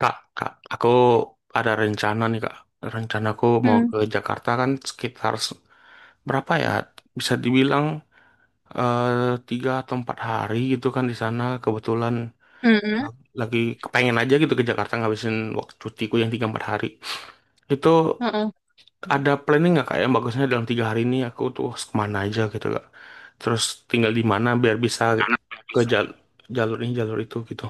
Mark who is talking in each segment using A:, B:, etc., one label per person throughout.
A: Kak, aku ada rencana nih, kak. Rencanaku mau
B: Hmm.
A: ke Jakarta kan sekitar berapa ya? Bisa dibilang tiga atau empat hari gitu kan di sana. Kebetulan
B: Hmm.
A: la- lagi kepengen aja gitu ke Jakarta ngabisin waktu cutiku yang tiga empat hari. Itu
B: Heeh.
A: ada planning nggak, kak, yang bagusnya dalam tiga hari ini aku tuh harus kemana aja gitu, kak. Terus tinggal di mana biar bisa ke jalur ini jalur itu gitu.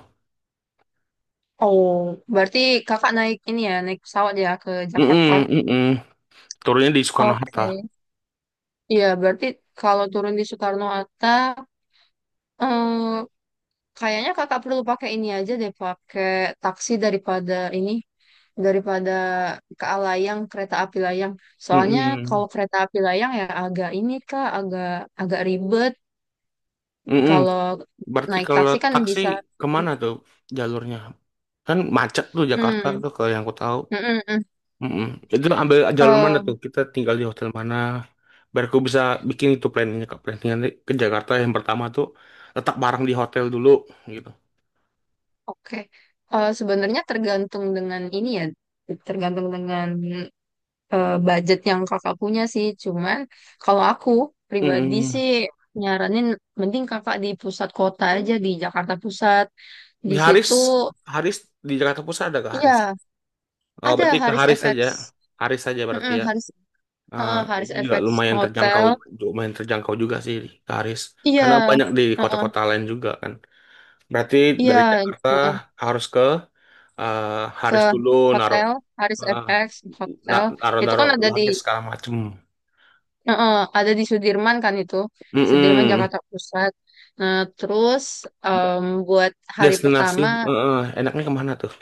B: Oh, berarti kakak naik ini ya, naik pesawat ya ke
A: Mm
B: Jakarta.
A: -mm, mm Turunnya di Soekarno-Hatta.
B: Oke. Iya, berarti kalau turun di Soekarno-Hatta, eh, kayaknya kakak perlu pakai ini aja deh, pakai taksi daripada ini, daripada ke Alayang, kereta api layang. Soalnya kalau kereta api layang ya agak ini kak, agak agak ribet.
A: Mm
B: Kalau
A: Berarti
B: naik
A: kalau
B: taksi kan
A: taksi
B: bisa.
A: kemana tuh jalurnya? Kan macet tuh Jakarta
B: Hmm.
A: tuh kalau yang aku tahu.
B: Mm. Mm. Mm.
A: Mm-mm. Itu ambil jalur mana tuh?
B: Eh,
A: Kita tinggal di hotel mana? Biar aku bisa bikin itu planningnya ke planningan ke Jakarta yang pertama tuh letak barang di hotel dulu gitu.
B: oke. Sebenarnya tergantung dengan ini ya, tergantung dengan budget yang kakak punya sih. Cuman kalau aku pribadi
A: Mm-mm.
B: sih nyaranin mending kakak di pusat kota aja di Jakarta Pusat.
A: Di
B: Di
A: Haris,
B: situ,
A: Haris di Jakarta Pusat ada ke Haris?
B: iya,
A: Oh,
B: ada
A: berarti ke
B: Haris FX.
A: Haris saja berarti
B: Mm-mm.
A: ya.
B: Haris
A: Ah,
B: eh, Haris
A: itu juga
B: FX Hotel.
A: lumayan terjangkau juga sih ke Haris.
B: Iya.
A: Karena banyak di
B: eh,
A: kota-kota lain juga kan. Berarti
B: iya.
A: dari
B: eh,
A: Jakarta harus ke eh,
B: ke
A: Haris dulu naruh
B: hotel Haris
A: eh,
B: FX Hotel
A: na-
B: itu kan
A: naruh-naruh
B: ada di,
A: luggage segala macem.
B: heeh, ada di Sudirman kan itu, Sudirman
A: Mm-mm.
B: Jakarta Pusat. Nah, terus buat hari
A: Destinasi
B: pertama
A: eh, enaknya kemana tuh?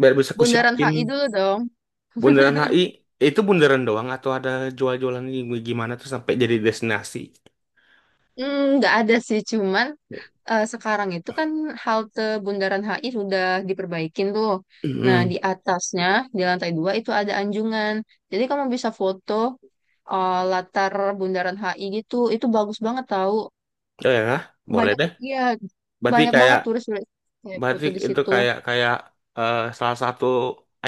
A: Biar bisa ku
B: Bundaran
A: siapin
B: HI dulu dong.
A: Bundaran HI. Itu bundaran doang atau ada jual-jualan ini gimana tuh sampai jadi destinasi?
B: Hmm, nggak ada sih, cuman sekarang itu kan halte Bundaran HI sudah diperbaikin tuh. Nah, di
A: Mm-mm.
B: atasnya, di lantai 2 itu ada anjungan. Jadi kamu bisa foto latar Bundaran HI gitu. Itu bagus banget tahu.
A: Oh ya, boleh
B: Banyak,
A: deh.
B: iya,
A: Berarti
B: banyak
A: kayak
B: banget turis-turis kayak
A: Berarti
B: foto di
A: itu
B: situ.
A: kayak kayak salah satu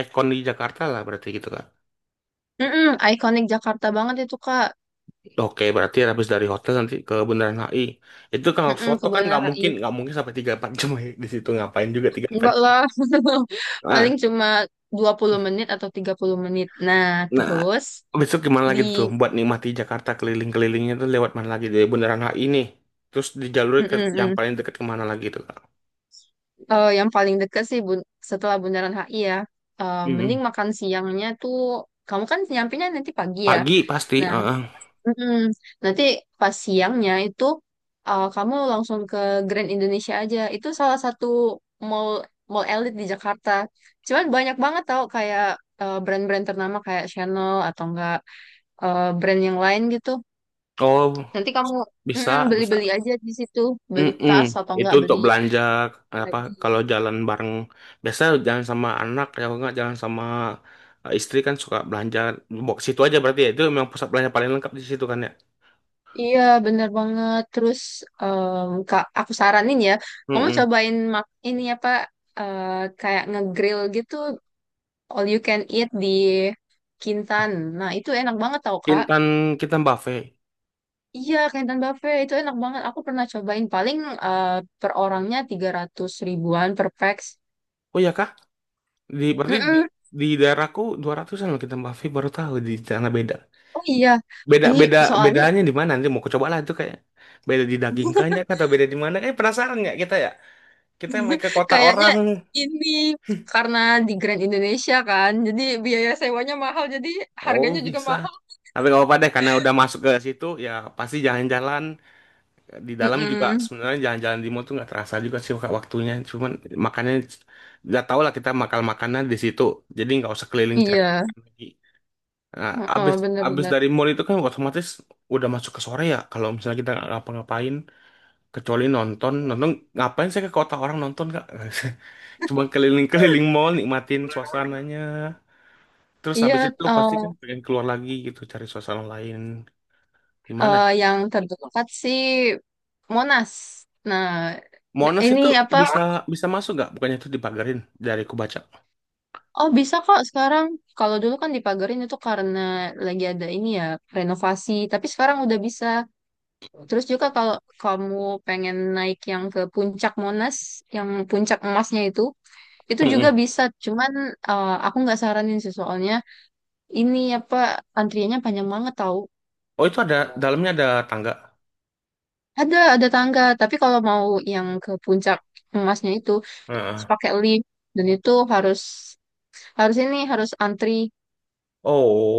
A: ikon di Jakarta lah berarti gitu kan?
B: Mm-mm, ikonik Jakarta banget itu, Kak.
A: Oke, berarti habis dari hotel nanti ke Bundaran HI. Itu kalau
B: Mm-mm,
A: foto kan
B: Kebonanas AI.
A: nggak mungkin sampai tiga empat jam ya di situ, ngapain juga tiga empat
B: Enggak
A: jam.
B: lah.
A: Nah,
B: Paling cuma 20 menit atau 30 menit. Nah,
A: nah,
B: terus
A: besok gimana
B: di,
A: lagi tuh buat nikmati Jakarta keliling-kelilingnya tuh lewat mana lagi dari Bundaran HI nih. Terus di jalur ke
B: mm-mm,
A: yang
B: mm.
A: paling dekat kemana lagi tuh, Kak?
B: Yang paling dekat sih setelah Bundaran HI ya. Mending
A: Mm-mm.
B: makan siangnya tuh kamu kan nyampenya nanti pagi ya.
A: Pagi pasti.
B: Nah.
A: Heeh.
B: Mm-mm. Nanti pas siangnya itu kamu langsung ke Grand Indonesia aja. Itu salah satu mall mall elit di Jakarta. Cuman banyak banget tau kayak brand-brand ternama kayak Chanel atau enggak brand yang lain gitu.
A: Oh,
B: Nanti kamu,
A: bisa,
B: mm-mm,
A: bisa.
B: beli-beli aja di situ, beli
A: Mm-mm.
B: tas atau
A: Itu
B: enggak
A: untuk
B: beli
A: belanja apa
B: baju.
A: kalau jalan bareng biasa jalan sama anak, ya kalau nggak jalan sama istri kan suka belanja box, situ aja berarti ya, itu memang pusat belanja paling lengkap di situ kan ya.
B: Iya, bener banget. Terus um, Kak, aku saranin ya, kamu
A: Mm-mm.
B: cobain ini apa uh, kayak ngegrill gitu all you can eat di Kintan. Nah, itu enak banget tau, Kak.
A: Kintan Kintan Buffet.
B: Iya, Kintan Buffet itu enak banget. Aku pernah cobain paling eh, per orangnya 300 ribuan per pax.
A: Oh ya kah? Berarti
B: Mm-mm.
A: di daerahku 200 ribuan loh Kintan Buffet, baru tahu di sana beda.
B: Oh iya.
A: Beda
B: Ih,
A: beda
B: soalnya
A: bedanya di mana, nanti mau coba lah itu, kayak beda di daging kanya atau beda di mana? Eh, penasaran nggak kita ya? Kita main ke kota
B: kayaknya
A: orang.
B: ini karena di Grand Indonesia kan, jadi biaya sewanya mahal, jadi
A: Oh
B: harganya juga
A: bisa.
B: mahal.
A: Tapi nggak apa-apa deh karena udah masuk ke situ ya pasti jalan-jalan di dalam juga,
B: Mm-mm.
A: sebenarnya jalan-jalan di mall tuh nggak terasa juga sih Kak, waktunya. Cuman makannya udah tau lah kita makan makanan di situ. Jadi nggak usah keliling cari
B: Iya.
A: makan lagi. Nah, abis
B: Heeh,
A: Abis
B: bener-bener.
A: dari mall itu kan otomatis udah masuk ke sore ya. Kalau misalnya kita nggak ngapa-ngapain kecuali nonton, ngapain saya ke kota orang nonton kak? Cuma keliling-keliling mall nikmatin suasananya. Terus
B: Iya.
A: habis itu pasti kan
B: eh,
A: pengen keluar lagi gitu cari suasana lain di mana.
B: Yang terdekat sih Monas. Nah,
A: Monas
B: ini
A: itu
B: apa?
A: bisa bisa masuk nggak? Bukannya itu dipagarin dari ku baca.
B: Oh, bisa kok sekarang. Kalau dulu kan dipagarin itu karena lagi ada ini ya, renovasi. Tapi sekarang udah bisa. Terus juga
A: Oh,
B: kalau kamu pengen naik yang ke puncak Monas, yang puncak emasnya itu juga
A: mm-mm.
B: bisa. Cuman aku nggak saranin sih soalnya ini apa antriannya panjang banget tahu.
A: Oh, itu ada dalamnya, ada tangga.
B: Ada tangga. Tapi kalau mau yang ke puncak emasnya itu harus
A: Heeh.
B: pakai lift. Dan itu harus ini, harus antri.
A: Oh,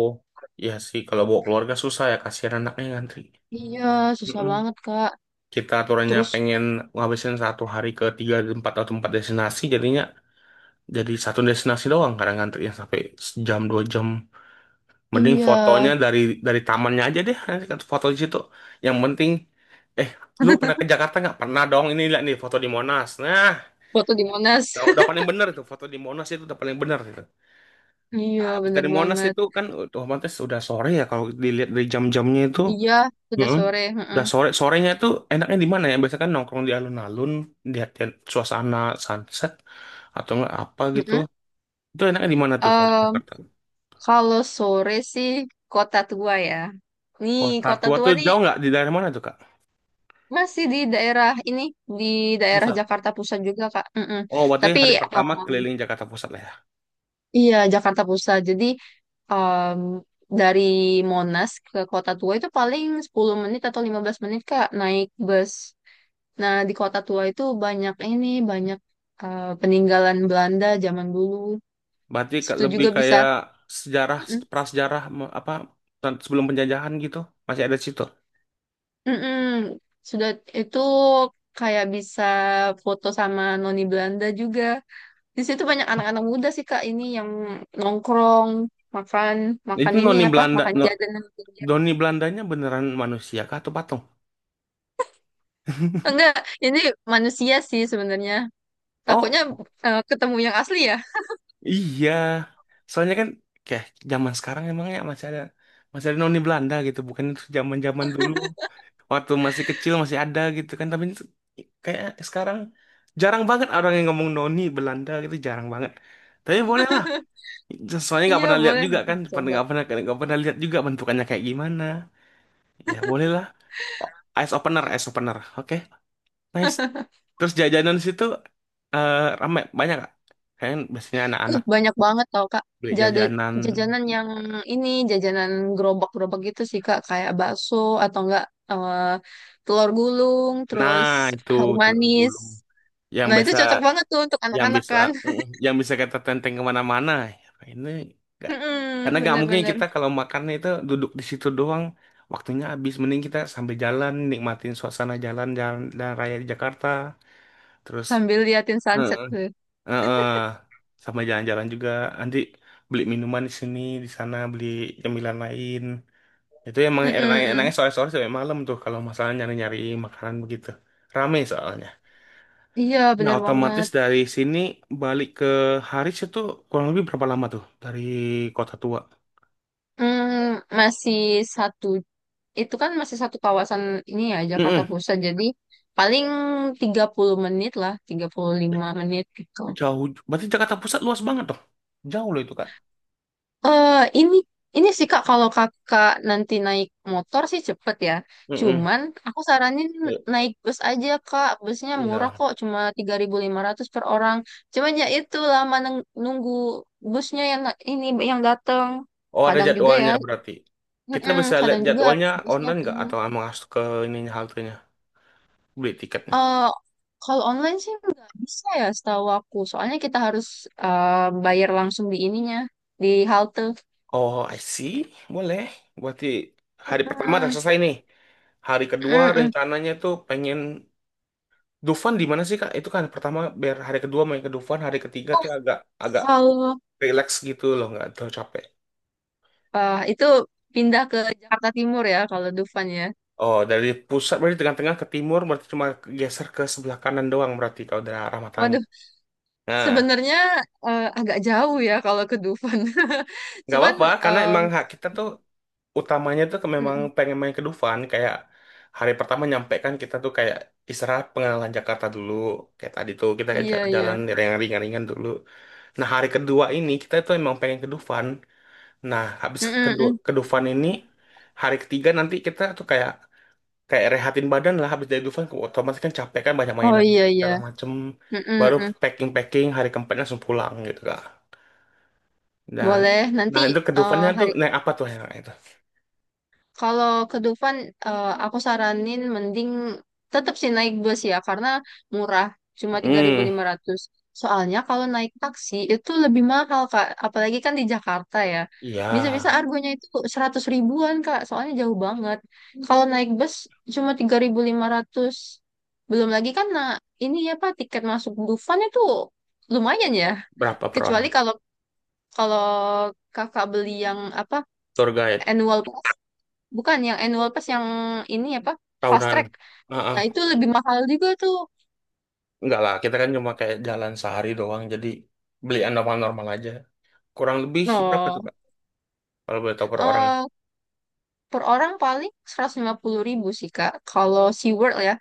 A: iya sih kalau bawa keluarga susah ya, kasihan anaknya ngantri.
B: Iya, susah
A: Mm-mm.
B: banget, Kak.
A: Kita aturannya
B: Terus,
A: pengen ngabisin satu hari ke tiga empat atau empat destinasi, jadinya jadi satu destinasi doang kadang ngantrinya sampai sejam dua jam. Mending fotonya
B: iya,
A: dari tamannya aja deh, nanti kan foto di situ. Yang penting, eh, lu pernah ke Jakarta nggak? Pernah dong, ini lihat nih foto di Monas. Nah,
B: foto di
A: itu.
B: Monas.
A: Udah paling bener itu, foto di Monas itu udah paling bener itu.
B: Iya,
A: Habis
B: bener
A: dari Monas
B: banget.
A: itu kan otomatis udah sore ya kalau dilihat dari jam-jamnya itu.
B: Iya, sudah
A: Heeh.
B: sore. Heeh.
A: Udah sore, sorenya itu enaknya di mana ya? Biasanya kan nongkrong di alun-alun, lihat lihat suasana sunset atau nggak apa gitu.
B: Heeh.
A: Itu enaknya di mana tuh kalau di
B: Em,
A: Jakarta?
B: kalau sore sih kota tua ya. Nih,
A: Kota
B: kota
A: tua
B: tua
A: tuh
B: nih
A: jauh nggak? Di daerah mana tuh, Kak?
B: masih di daerah ini, di daerah
A: Pusat.
B: Jakarta Pusat juga, Kak. Mm-mm.
A: Oh, berarti
B: Tapi
A: hari pertama keliling Jakarta Pusat lah ya.
B: iya, Jakarta Pusat. Jadi em, dari Monas ke Kota Tua itu paling 10 menit atau 15 menit Kak naik bus. Nah, di Kota Tua itu banyak ini, banyak peninggalan Belanda zaman dulu.
A: Berarti
B: Di
A: ke-
B: situ
A: lebih
B: juga bisa,
A: kayak sejarah,
B: mm,
A: prasejarah me- apa tan- sebelum penjajahan gitu. Masih ada di situ.
B: mm-mm, sudah itu kayak bisa foto sama noni Belanda juga. Di situ banyak anak-anak muda sih Kak ini yang nongkrong, makan makan
A: Itu
B: ini
A: noni
B: apa?
A: Belanda,
B: Makan
A: no,
B: jajanan.
A: noni Belandanya beneran manusia kah atau patung?
B: Enggak, ini manusia sih sebenarnya.
A: Oh,
B: Takutnya ketemu yang asli ya.
A: iya. Soalnya kan kayak zaman sekarang emangnya masih ada noni Belanda gitu, bukan itu zaman-zaman dulu. Waktu masih kecil masih ada gitu kan, tapi itu kayak sekarang jarang banget orang yang ngomong noni Belanda gitu, jarang banget. Tapi bolehlah. Soalnya nggak
B: Iya,
A: pernah lihat
B: boleh
A: juga
B: nanti
A: kan, pernah
B: dicoba.
A: nggak pernah nggak pernah lihat juga bentukannya kayak gimana. Ya bolehlah. Oh, ice opener. Oke, nice. Terus jajanan di situ eh ramai banyak gak? Kayaknya biasanya
B: Wih,
A: anak-anak
B: banyak banget tau, Kak.
A: beli
B: Jada,
A: jajanan.
B: jajanan yang ini, jajanan gerobak-gerobak gitu sih, Kak. Kayak bakso atau enggak eh, telur gulung, terus
A: Nah itu
B: harum
A: telur
B: manis.
A: gulung yang
B: Nah, itu
A: biasa
B: cocok banget tuh untuk
A: yang
B: anak-anak
A: bisa
B: kan.
A: yang bisa kita tenteng kemana-mana. Ya, Ini nggak karena
B: Mm-mm.
A: nggak mungkin kita
B: Bener-bener.
A: kalau makannya itu duduk di situ doang. Waktunya habis, mending kita sambil jalan nikmatin suasana jalan jalan dan raya di Jakarta. Terus
B: Sambil liatin
A: Heeh.
B: sunset tuh.
A: heeh. sama jalan-jalan juga, nanti beli minuman di sini, di sana beli cemilan lain. Itu emang enak-enaknya
B: Mm-mm-mm.
A: sore-sore sampai malam tuh kalau masalah nyari-nyari makanan begitu. Rame soalnya.
B: Iya,
A: Nah,
B: bener
A: otomatis
B: banget.
A: dari sini balik ke Haris itu kurang lebih berapa lama tuh dari Kota Tua?
B: Hmm, masih satu, itu kan masih satu kawasan ini ya Jakarta
A: Mm-mm.
B: Pusat jadi paling 30 menit lah 35 menit gitu.
A: Jauh, berarti Jakarta Pusat luas banget dong. Jauh loh itu, Kak.
B: eh ini ini sih Kak kalau Kakak nanti naik motor sih cepet ya
A: Mm-mm.
B: cuman aku saranin naik bus aja Kak busnya murah
A: Iya.
B: kok cuma 3.500 per orang cuman ya itu lama nunggu busnya yang ini yang datang
A: Oh ada
B: kadang juga ya,
A: jadwalnya berarti. Kita
B: mm-mm,
A: bisa lihat
B: kadang juga
A: jadwalnya
B: busnya
A: online nggak
B: penuh.
A: atau emang harus ke ininya, haltenya beli tiketnya?
B: Eh, kalau online sih nggak bisa ya setahu aku. Soalnya kita harus eh, bayar langsung di ininya, di halte.
A: Oh I see, boleh. Berarti hari pertama udah
B: Mm-mm.
A: selesai nih. Hari kedua
B: Mm-mm.
A: rencananya tuh pengen Dufan, di mana sih Kak? Itu kan pertama biar hari kedua main ke Dufan, hari ketiga tuh agak agak
B: Kalau
A: relax gitu loh, nggak terlalu capek.
B: itu pindah ke Jakarta Timur ya kalau Dufan ya.
A: Oh, dari pusat berarti tengah-tengah ke timur berarti cuma geser ke sebelah kanan doang berarti kalau dari arah matanya.
B: Waduh,
A: Nah,
B: sebenarnya agak jauh ya kalau ke Dufan.
A: nggak
B: Cuman
A: apa-apa karena
B: em,
A: emang hak kita tuh utamanya tuh ke- memang
B: mm-mm.
A: pengen main ke Dufan, kayak hari pertama nyampe kan kita tuh kayak istirahat pengalaman Jakarta dulu kayak tadi tuh kita
B: Iya iya.
A: jalan yang ringan-ringan dulu, nah hari kedua ini kita tuh emang pengen ke Dufan, nah habis
B: Mm-mm,
A: kedua ke
B: mm.
A: Dufan ini hari ketiga nanti kita tuh kayak kayak rehatin badan lah habis dari Dufan ke- otomatis kan capek kan banyak
B: Oh
A: mainan
B: iya iya.
A: segala macem,
B: Mm-mm,
A: baru
B: mm.
A: packing-packing hari keempat langsung pulang gitu kak. nah
B: Boleh
A: nah
B: nanti.
A: itu ke
B: Eh,
A: Dufannya tuh
B: hari
A: naik apa tuh yang itu.
B: Kalau ke Dufan, aku saranin mending tetap sih naik bus ya, karena murah, cuma tiga ribu
A: Hmm.
B: lima ratus. Soalnya kalau naik taksi itu lebih mahal, Kak. Apalagi kan di Jakarta ya.
A: Iya
B: Bisa-bisa argonya itu 100 ribuan, Kak. Soalnya jauh banget. Kalau naik bus cuma 3.500. Belum lagi kan, nah, ini ya, Pak, tiket masuk Dufan itu lumayan ya.
A: berapa per orang?
B: Kecuali kalau kalau kakak beli yang apa
A: Tour guide
B: annual. Bukan yang annual pass yang ini apa? Fast
A: tahunan.
B: track.
A: Nah, ah.
B: Nah, itu lebih mahal juga tuh.
A: Enggak lah, kita kan cuma kayak jalan sehari doang, jadi beli normal-normal aja. Kurang lebih berapa tuh,
B: Oh,
A: Kak? Kalau boleh tahu per orang.
B: eh, per orang paling 150.000 sih, Kak. Kalau SeaWorld ya.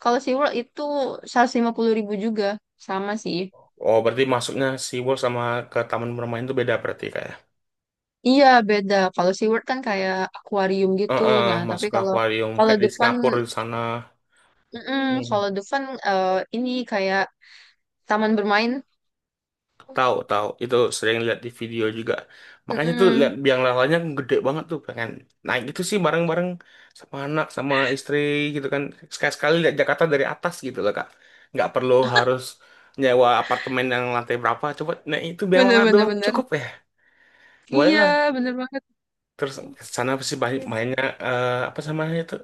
B: Kalau SeaWorld itu 150.000 juga. Sama sih.
A: Oh, berarti masuknya SeaWorld sama ke taman bermain itu beda berarti kayak.
B: Iya, beda. Kalau SeaWorld kan kayak akuarium
A: Ah
B: gitu.
A: ah,
B: Nah, tapi
A: masuk ke
B: kalau
A: akuarium
B: kalau
A: kayak di
B: Dufan,
A: Singapura di sana.
B: mm
A: Hmm.
B: kalau Dufan eh, ini kayak taman bermain.
A: Tahu, tahu. Itu sering lihat di video juga. Makanya tuh lihat
B: Mm-mm.
A: biang lalanya gede banget tuh pengen naik itu sih bareng-bareng sama anak sama istri gitu kan. Sekali-sekali lihat Jakarta dari atas gitu loh, Kak. Nggak perlu harus nyewa apartemen yang lantai berapa. Coba naik itu biang lala
B: Bener, bener,
A: doang
B: bener.
A: cukup ya. Boleh
B: Iya,
A: lah.
B: bener banget.
A: Terus ke sana pasti banyak mainnya eh, apa sama itu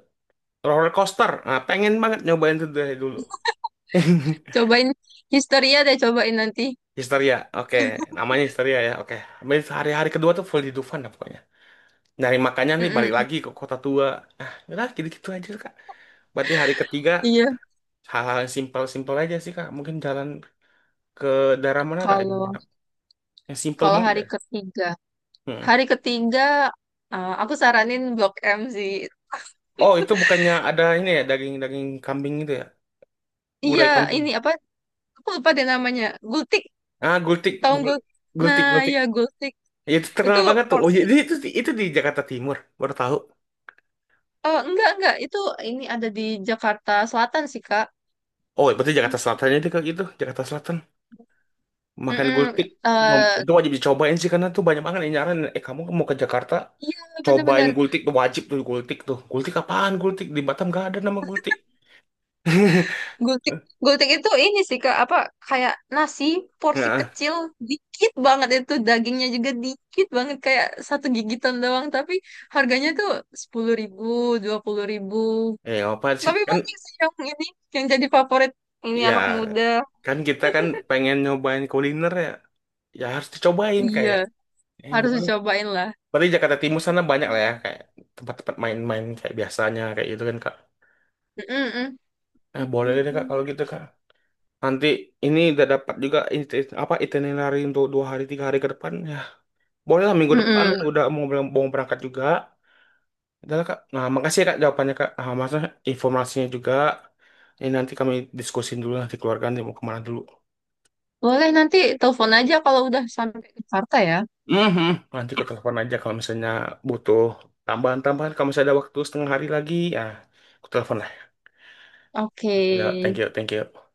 A: roller coaster. Nah, pengen banget nyobain itu dari dulu.
B: Cobain Histeria deh, cobain nanti.
A: Oke, namanya histeria ya, oke. Habis hari-hari kedua tuh full di Dufan dah pokoknya. Nyari makannya nih balik
B: Mm-mm.
A: lagi ke kota tua, ah udah gitu-gitu aja kak. Berarti hari ketiga
B: Iya.
A: hal-hal yang simpel-simpel aja sih kak, mungkin jalan ke daerah mana kak yang
B: Kalau
A: enak, yang simpel
B: kalau
A: banget
B: hari
A: deh.
B: ketiga,
A: Hmm.
B: hari ketiga, aku saranin Blok M sih.
A: Oh itu bukannya ada ini ya, daging-daging kambing itu ya,
B: Iya,
A: gulai kambing?
B: ini apa? Aku lupa deh namanya. Gultik,
A: ah gultik
B: tahu
A: gul
B: gul? Nah,
A: gultik gultik
B: iya Gultik.
A: Ya, itu
B: Itu
A: terkenal banget tuh, oh
B: porsi.
A: iya, itu di Jakarta Timur baru tahu.
B: Oh, enggak enggak. Itu ini ada di Jakarta Selatan sih, Kak.
A: Oh ya, berarti Jakarta Selatannya itu kayak gitu, Jakarta Selatan. Makan
B: Mm-mm.
A: gultik.
B: Eh,
A: Itu wajib dicobain sih, karena tuh banyak banget yang nyaran eh, kamu mau ke Jakarta
B: iya,
A: cobain
B: bener-bener.
A: gultik tuh wajib, tuh gultik apaan, gultik di Batam gak ada nama gultik.
B: Gultik, gultik itu ini sih Kak, apa kayak nasi porsi
A: Nah
B: kecil, dikit banget itu dagingnya juga dikit banget kayak satu gigitan doang, tapi harganya tuh 10.000, 20.000.
A: eh apa sih
B: Tapi
A: kan,
B: banyak sih yang ini yang jadi favorit ini
A: ya
B: anak muda.
A: kan kita kan pengen nyobain kuliner ya, ya harus dicobain
B: Iya,
A: kayak eh
B: harus
A: boleh,
B: dicobain lah.
A: berarti Jakarta Timur sana banyak lah ya kayak tempat-tempat main-main kayak biasanya kayak gitu kan kak.
B: Mm-mm.
A: Eh boleh deh kak, kalau gitu kak nanti ini udah dapat juga iti- apa itinerary untuk dua hari tiga hari ke depan ya. Boleh lah minggu depan
B: Mm-mm.
A: udah mau berangkat juga. Udah lah, Kak. Nah, makasih ya, Kak, jawabannya Kak. Ah, maksudnya informasinya juga. Ini nanti kami diskusin dulu nanti keluarga nanti mau kemana dulu.
B: Boleh nanti telepon aja kalau udah sampai ke Jakarta ya.
A: Mhm. Nanti aku telepon aja kalau misalnya butuh tambahan-tambahan. Kalau misalnya ada waktu setengah hari lagi, ya aku telepon lah.
B: Oke.
A: Ya, thank you, thank you.